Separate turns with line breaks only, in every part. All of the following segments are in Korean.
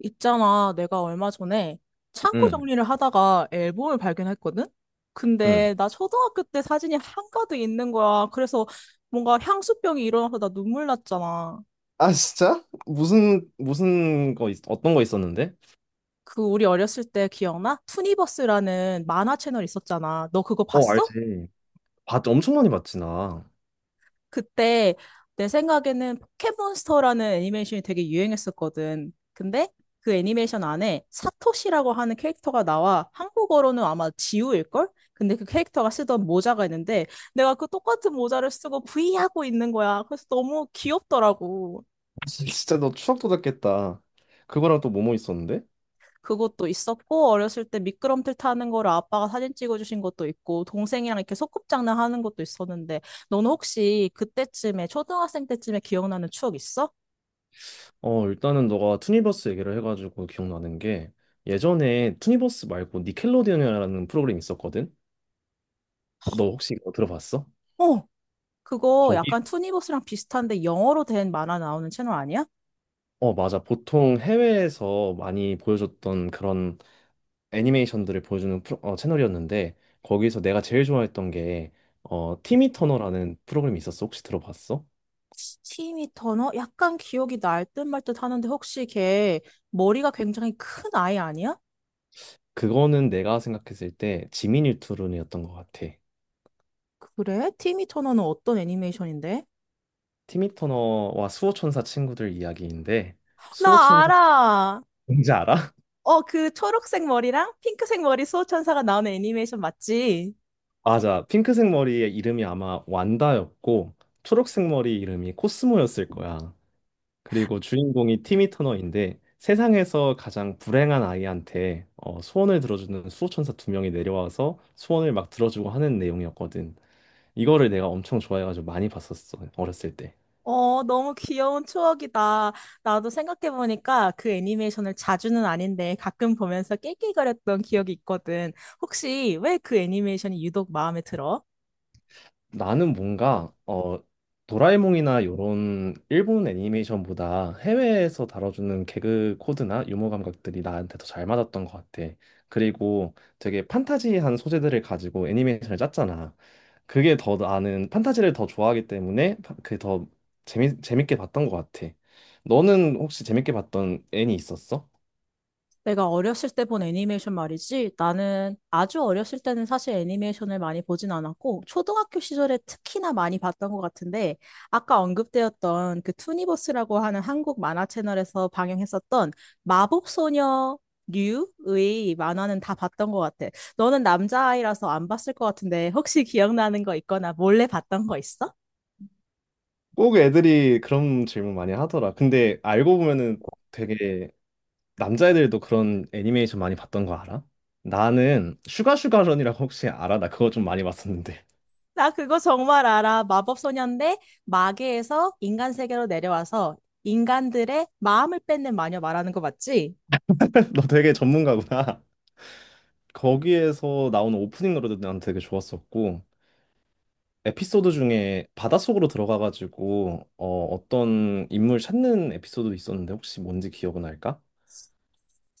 있잖아, 내가 얼마 전에 창고
응,
정리를 하다가 앨범을 발견했거든?
응.
근데 나 초등학교 때 사진이 한가득 있는 거야. 그래서 뭔가 향수병이 일어나서 나 눈물 났잖아.
아, 진짜? 어떤 거 있었는데?
그 우리 어렸을 때 기억나? 투니버스라는 만화 채널 있었잖아. 너 그거
어,
봤어?
알지. 봤 엄청 많이 봤지, 나.
그때 내 생각에는 포켓몬스터라는 애니메이션이 되게 유행했었거든. 근데 그 애니메이션 안에 사토시라고 하는 캐릭터가 나와 한국어로는 아마 지우일걸? 근데 그 캐릭터가 쓰던 모자가 있는데 내가 그 똑같은 모자를 쓰고 브이하고 있는 거야. 그래서 너무 귀엽더라고.
진짜 너 추억 돋았겠다. 그거랑 또 뭐뭐 있었는데?
그것도 있었고 어렸을 때 미끄럼틀 타는 거를 아빠가 사진 찍어주신 것도 있고 동생이랑 이렇게 소꿉장난 하는 것도 있었는데 너는 혹시 그때쯤에 초등학생 때쯤에 기억나는 추억 있어?
어, 일단은 너가 투니버스 얘기를 해가지고 기억나는 게, 예전에 투니버스 말고 니켈로디언이라는 프로그램 있었거든? 너 혹시 이거 들어봤어?
어. 그거
거기,
약간 투니버스랑 비슷한데 영어로 된 만화 나오는 채널 아니야?
맞아. 보통 해외에서 많이 보여줬던 그런 애니메이션들을 보여주는 채널이었는데, 거기서 내가 제일 좋아했던 게 티미 터너라는 프로그램이 있었어. 혹시 들어봤어?
티미 터너? 약간 기억이 날듯 말듯 하는데 혹시 걔 머리가 굉장히 큰 아이 아니야?
그거는 내가 생각했을 때 지미 뉴트론이었던 것 같아.
그래? 티미 터너는 어떤 애니메이션인데?
티미 터너와 수호천사 친구들 이야기인데,
나
수호천사
알아!
뭔지 알아?
어, 그 초록색 머리랑 핑크색 머리 수호천사가 나오는 애니메이션 맞지?
맞아. 핑크색 머리의 이름이 아마 완다였고, 초록색 머리 이름이 코스모였을 거야. 그리고 주인공이 티미 터너인데, 세상에서 가장 불행한 아이한테 소원을 들어주는 수호천사 두 명이 내려와서 소원을 막 들어주고 하는 내용이었거든. 이거를 내가 엄청 좋아해가지고 많이 봤었어, 어렸을 때.
어, 너무 귀여운 추억이다. 나도 생각해보니까 그 애니메이션을 자주는 아닌데 가끔 보면서 낄낄거렸던 기억이 있거든. 혹시 왜 그 애니메이션이 유독 마음에 들어?
나는 뭔가 도라에몽이나 요런 일본 애니메이션보다 해외에서 다뤄주는 개그 코드나 유머 감각들이 나한테 더 잘 맞았던 것 같아. 그리고 되게 판타지한 소재들을 가지고 애니메이션을 짰잖아. 그게 더, 나는 판타지를 더 좋아하기 때문에 그게 더 재미 재밌게 봤던 것 같아. 너는 혹시 재밌게 봤던 애니 있었어?
내가 어렸을 때 본 애니메이션 말이지. 나는 아주 어렸을 때는 사실 애니메이션을 많이 보진 않았고, 초등학교 시절에 특히나 많이 봤던 것 같은데, 아까 언급되었던 그 투니버스라고 하는 한국 만화 채널에서 방영했었던 마법소녀 류의 만화는 다 봤던 것 같아. 너는 남자아이라서 안 봤을 것 같은데 혹시 기억나는 거 있거나 몰래 봤던 거 있어?
꼭 애들이 그런 질문 많이 하더라. 근데 알고 보면은 되게 남자애들도 그런 애니메이션 많이 봤던 거 알아? 나는 슈가슈가런이라고, 혹시 알아? 나 그거 좀 많이 봤었는데.
나 그거 정말 알아. 마법소녀인데 마계에서 인간 세계로 내려와서 인간들의 마음을 뺏는 마녀 말하는 거 맞지?
너 되게 전문가구나. 거기에서 나오는 오프닝 노래도 난 되게 좋았었고, 에피소드 중에 바닷속으로 들어가가지고 어, 어떤 인물 찾는 에피소드 있었는데 혹시 뭔지 기억은 날까?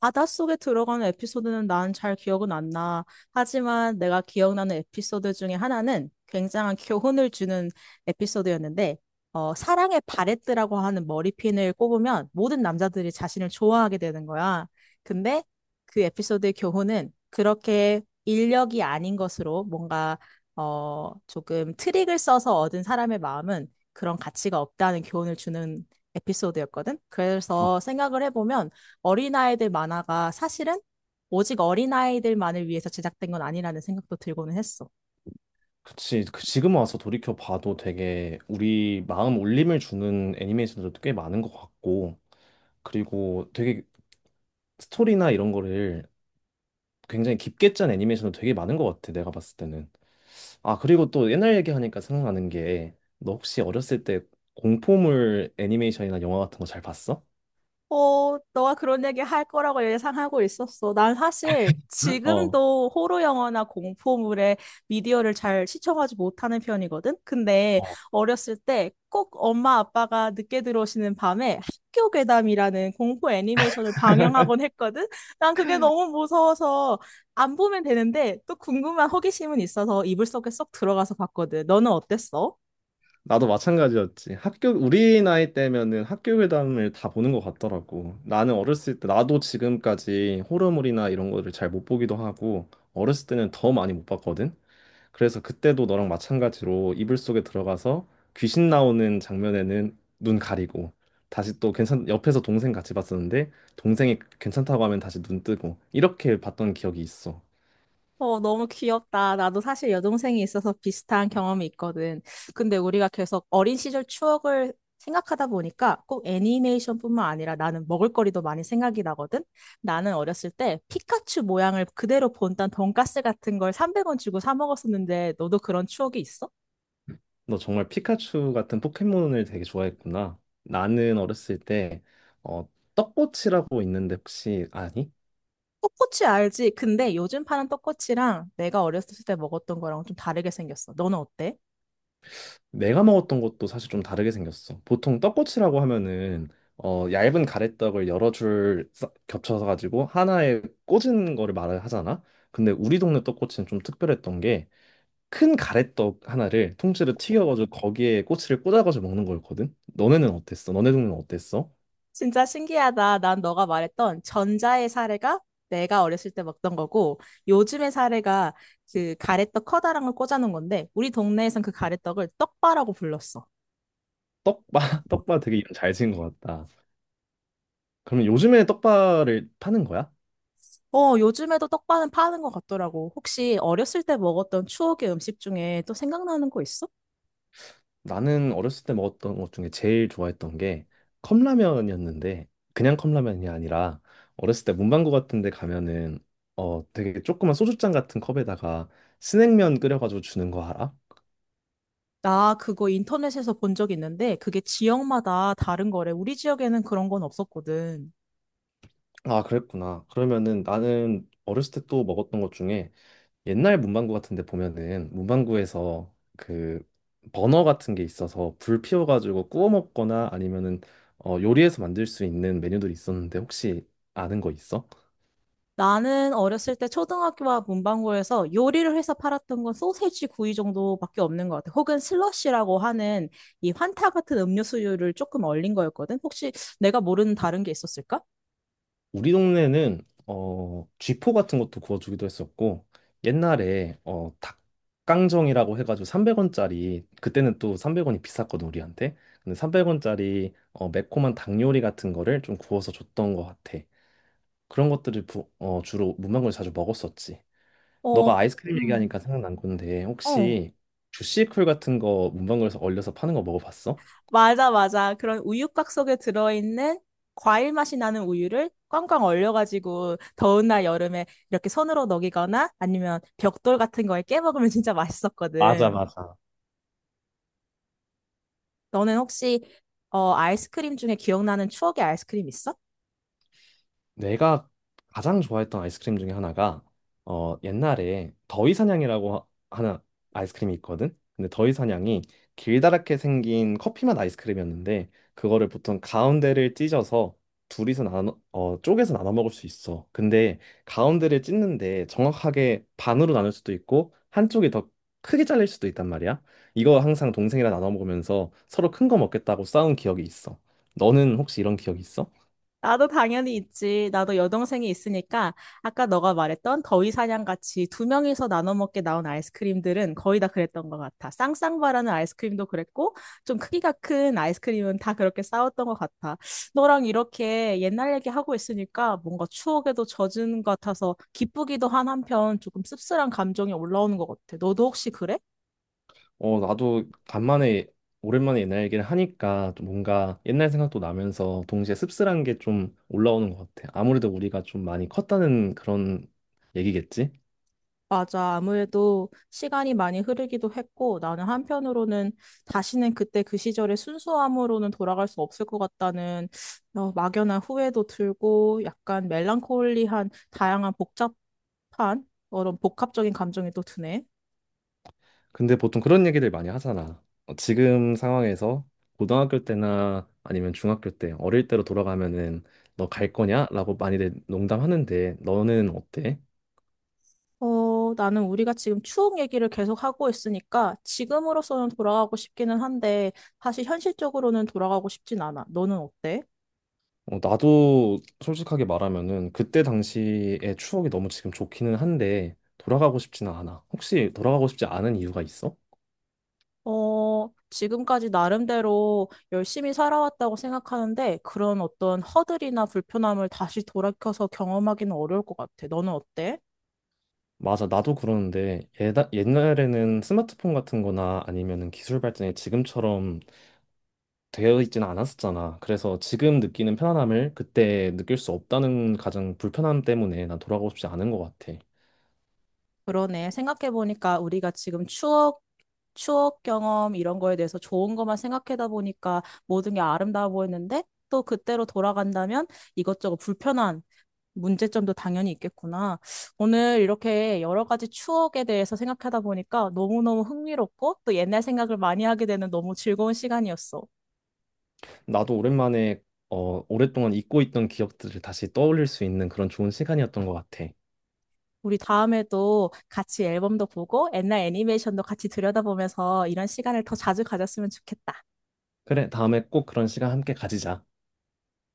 바닷속에 들어가는 에피소드는 난 잘 기억은 안 나. 하지만 내가 기억나는 에피소드 중에 하나는 굉장한 교훈을 주는 에피소드였는데, 사랑의 바레트라고 하는 머리핀을 꼽으면 모든 남자들이 자신을 좋아하게 되는 거야. 근데 그 에피소드의 교훈은 그렇게 인력이 아닌 것으로 뭔가, 조금 트릭을 써서 얻은 사람의 마음은 그런 가치가 없다는 교훈을 주는 에피소드였거든.
어,
그래서 생각을 해보면 어린아이들 만화가 사실은 오직 어린아이들만을 위해서 제작된 건 아니라는 생각도 들고는 했어.
그치. 그 지금 와서 돌이켜 봐도 되게 우리 마음 울림을 주는 애니메이션들도 꽤 많은 것 같고, 그리고 되게 스토리나 이런 거를 굉장히 깊게 짠 애니메이션도 되게 많은 것 같아, 내가 봤을 때는. 아, 그리고 또 옛날 얘기하니까 생각나는 게, 너 혹시 어렸을 때 공포물 애니메이션이나 영화 같은 거 잘 봤어?
어, 너가 그런 얘기 할 거라고 예상하고 있었어. 난 사실
어.
지금도 호러 영화나 공포물에 미디어를 잘 시청하지 못하는 편이거든. 근데
어.
어렸을 때 꼭 엄마 아빠가 늦게 들어오시는 밤에 학교 괴담이라는 공포 애니메이션을 방영하곤 했거든. 난 그게 너무 무서워서 안 보면 되는데 또 궁금한 호기심은 있어서 이불 속에 쏙 들어가서 봤거든. 너는 어땠어?
나도 마찬가지였지. 우리 나이 때면은 학교 괴담을 다 보는 것 같더라고. 나도 지금까지 호러물이나 이런 거를 잘 못 보기도 하고, 어렸을 때는 더 많이 못 봤거든? 그래서 그때도 너랑 마찬가지로 이불 속에 들어가서 귀신 나오는 장면에는 눈 가리고, 다시 또 괜찮 옆에서 동생 같이 봤었는데, 동생이 괜찮다고 하면 다시 눈 뜨고 이렇게 봤던 기억이 있어.
어, 너무 귀엽다. 나도 사실 여동생이 있어서 비슷한 경험이 있거든. 근데 우리가 계속 어린 시절 추억을 생각하다 보니까 꼭 애니메이션뿐만 아니라 나는 먹을거리도 많이 생각이 나거든. 나는 어렸을 때 피카츄 모양을 그대로 본딴 돈가스 같은 걸 300원 주고 사 먹었었는데 너도 그런 추억이 있어?
너 정말 피카츄 같은 포켓몬을 되게 좋아했구나. 나는 어렸을 때 어, 떡꼬치라고 있는데 혹시 아니?
떡꼬치 알지? 근데 요즘 파는 떡꼬치랑 내가 어렸을 때 먹었던 거랑 좀 다르게 생겼어. 너는 어때?
내가 먹었던 것도 사실 좀 다르게 생겼어. 보통 떡꼬치라고 하면은 얇은 가래떡을 여러 줄 겹쳐서 가지고 하나에 꽂은 거를 말을 하잖아. 근데 우리 동네 떡꼬치는 좀 특별했던 게, 큰 가래떡 하나를 통째로 튀겨가지고 거기에 꼬치를 꽂아가지고 먹는 거였거든. 너네는 어땠어? 너네 동네는 어땠어?
진짜 신기하다. 난 너가 말했던 전자의 사례가 내가 어렸을 때 먹던 거고, 요즘의 사례가 그 가래떡 커다란 걸 꽂아놓은 건데, 우리 동네에선 그 가래떡을 떡바라고 불렀어.
떡바. 떡바 되게 이름 잘 지은 것 같다. 그러면 요즘에 떡바를 파는 거야?
어, 요즘에도 떡바는 파는 것 같더라고. 혹시 어렸을 때 먹었던 추억의 음식 중에 또 생각나는 거 있어?
나는 어렸을 때 먹었던 것 중에 제일 좋아했던 게 컵라면이었는데, 그냥 컵라면이 아니라 어렸을 때 문방구 같은 데 가면은 되게 조그만 소주잔 같은 컵에다가 스낵면 끓여가지고 주는 거 알아?
나 그거 인터넷에서 본 적 있는데, 그게 지역마다 다른 거래. 우리 지역에는 그런 건 없었거든.
아, 그랬구나. 그러면은, 나는 어렸을 때 또 먹었던 것 중에, 옛날 문방구 같은 데 보면은 문방구에서 그 버너 같은 게 있어서 불 피워가지고 구워 먹거나 아니면은 요리해서 만들 수 있는 메뉴들이 있었는데, 혹시 아는 거 있어?
나는 어렸을 때 초등학교와 문방구에서 요리를 해서 팔았던 건 소세지 구이 정도밖에 없는 것 같아. 혹은 슬러시라고 하는 이 환타 같은 음료수를 조금 얼린 거였거든. 혹시 내가 모르는 다른 게 있었을까?
우리 동네는 쥐포 같은 것도 구워주기도 했었고, 옛날에 닭강정이라고 해가지고 300원짜리. 그때는 또 300원이 비쌌거든, 우리한테. 근데 300원짜리 매콤한 닭 요리 같은 거를 좀 구워서 줬던 것 같아. 그런 것들을 주로 문방구에 자주 먹었었지.
어,
너가 아이스크림
음.
얘기하니까 생각난 건데,
어.
혹시 주시쿨 같은 거 문방구에서 얼려서 파는 거 먹어봤어?
맞아, 맞아. 그런 우유곽 속에 들어있는 과일 맛이 나는 우유를 꽝꽝 얼려가지고 더운 날 여름에 이렇게 손으로 녹이거나 아니면 벽돌 같은 거에 깨먹으면 진짜
맞아,
맛있었거든.
맞아.
너는 혹시 아이스크림 중에 기억나는 추억의 아이스크림 있어?
내가 가장 좋아했던 아이스크림 중에 하나가 옛날에 더위사냥이라고 하는 아이스크림이 있거든. 근데 더위사냥이 길다랗게 생긴 커피맛 아이스크림이었는데, 그거를 보통 가운데를 찢어서 둘이서 나눠 어 쪼개서 나눠 먹을 수 있어. 근데 가운데를 찢는데 정확하게 반으로 나눌 수도 있고 한쪽이 더 크게 잘릴 수도 있단 말이야. 이거 항상 동생이랑 나눠 먹으면서 서로 큰 거 먹겠다고 싸운 기억이 있어. 너는 혹시 이런 기억이 있어?
나도 당연히 있지. 나도 여동생이 있으니까 아까 너가 말했던 더위 사냥 같이 두 명이서 나눠 먹게 나온 아이스크림들은 거의 다 그랬던 것 같아. 쌍쌍바라는 아이스크림도 그랬고 좀 크기가 큰 아이스크림은 다 그렇게 싸웠던 것 같아. 너랑 이렇게 옛날 얘기하고 있으니까 뭔가 추억에도 젖은 것 같아서 기쁘기도 한 한편 조금 씁쓸한 감정이 올라오는 것 같아. 너도 혹시 그래?
어, 나도 간만에 오랜만에 옛날 얘기를 하니까 또 뭔가 옛날 생각도 나면서 동시에 씁쓸한 게 좀 올라오는 것 같아. 아무래도 우리가 좀 많이 컸다는 그런 얘기겠지?
맞아. 아무래도 시간이 많이 흐르기도 했고, 나는 한편으로는 다시는 그때 그 시절의 순수함으로는 돌아갈 수 없을 것 같다는 막연한 후회도 들고, 약간 멜랑콜리한 다양한 복잡한 그런 복합적인 감정이 또 드네.
근데 보통 그런 얘기들 많이 하잖아. 어, 지금 상황에서 고등학교 때나 아니면 중학교 때 어릴 때로 돌아가면은 너 갈 거냐? 라고 많이들 농담하는데, 너는 어때?
어, 나는 우리가 지금 추억 얘기를 계속 하고 있으니까 지금으로서는 돌아가고 싶기는 한데 사실 현실적으로는 돌아가고 싶진 않아. 너는 어때?
어, 나도 솔직하게 말하면은 그때 당시의 추억이 너무 지금 좋기는 한데 돌아가고 싶지는 않아. 혹시 돌아가고 싶지 않은 이유가 있어?
어, 지금까지 나름대로 열심히 살아왔다고 생각하는데 그런 어떤 허들이나 불편함을 다시 돌이켜서 경험하기는 어려울 것 같아. 너는 어때?
맞아, 나도 그러는데 옛날에는 스마트폰 같은 거나 아니면은 기술 발전이 지금처럼 되어 있지는 않았었잖아. 그래서 지금 느끼는 편안함을 그때 느낄 수 없다는 가장 불편함 때문에 난 돌아가고 싶지 않은 것 같아.
그러네. 생각해보니까 우리가 지금 추억 경험 이런 거에 대해서 좋은 것만 생각하다 보니까 모든 게 아름다워 보였는데 또 그때로 돌아간다면 이것저것 불편한 문제점도 당연히 있겠구나. 오늘 이렇게 여러 가지 추억에 대해서 생각하다 보니까 너무너무 흥미롭고 또 옛날 생각을 많이 하게 되는 너무 즐거운 시간이었어.
나도 오랜만에 오랫동안 잊고 있던 기억들을 다시 떠올릴 수 있는 그런 좋은 시간이었던 것 같아.
우리 다음에도 같이 앨범도 보고 옛날 애니메이션도 같이 들여다보면서 이런 시간을 더 자주 가졌으면 좋겠다.
그래, 다음에 꼭 그런 시간 함께 가지자.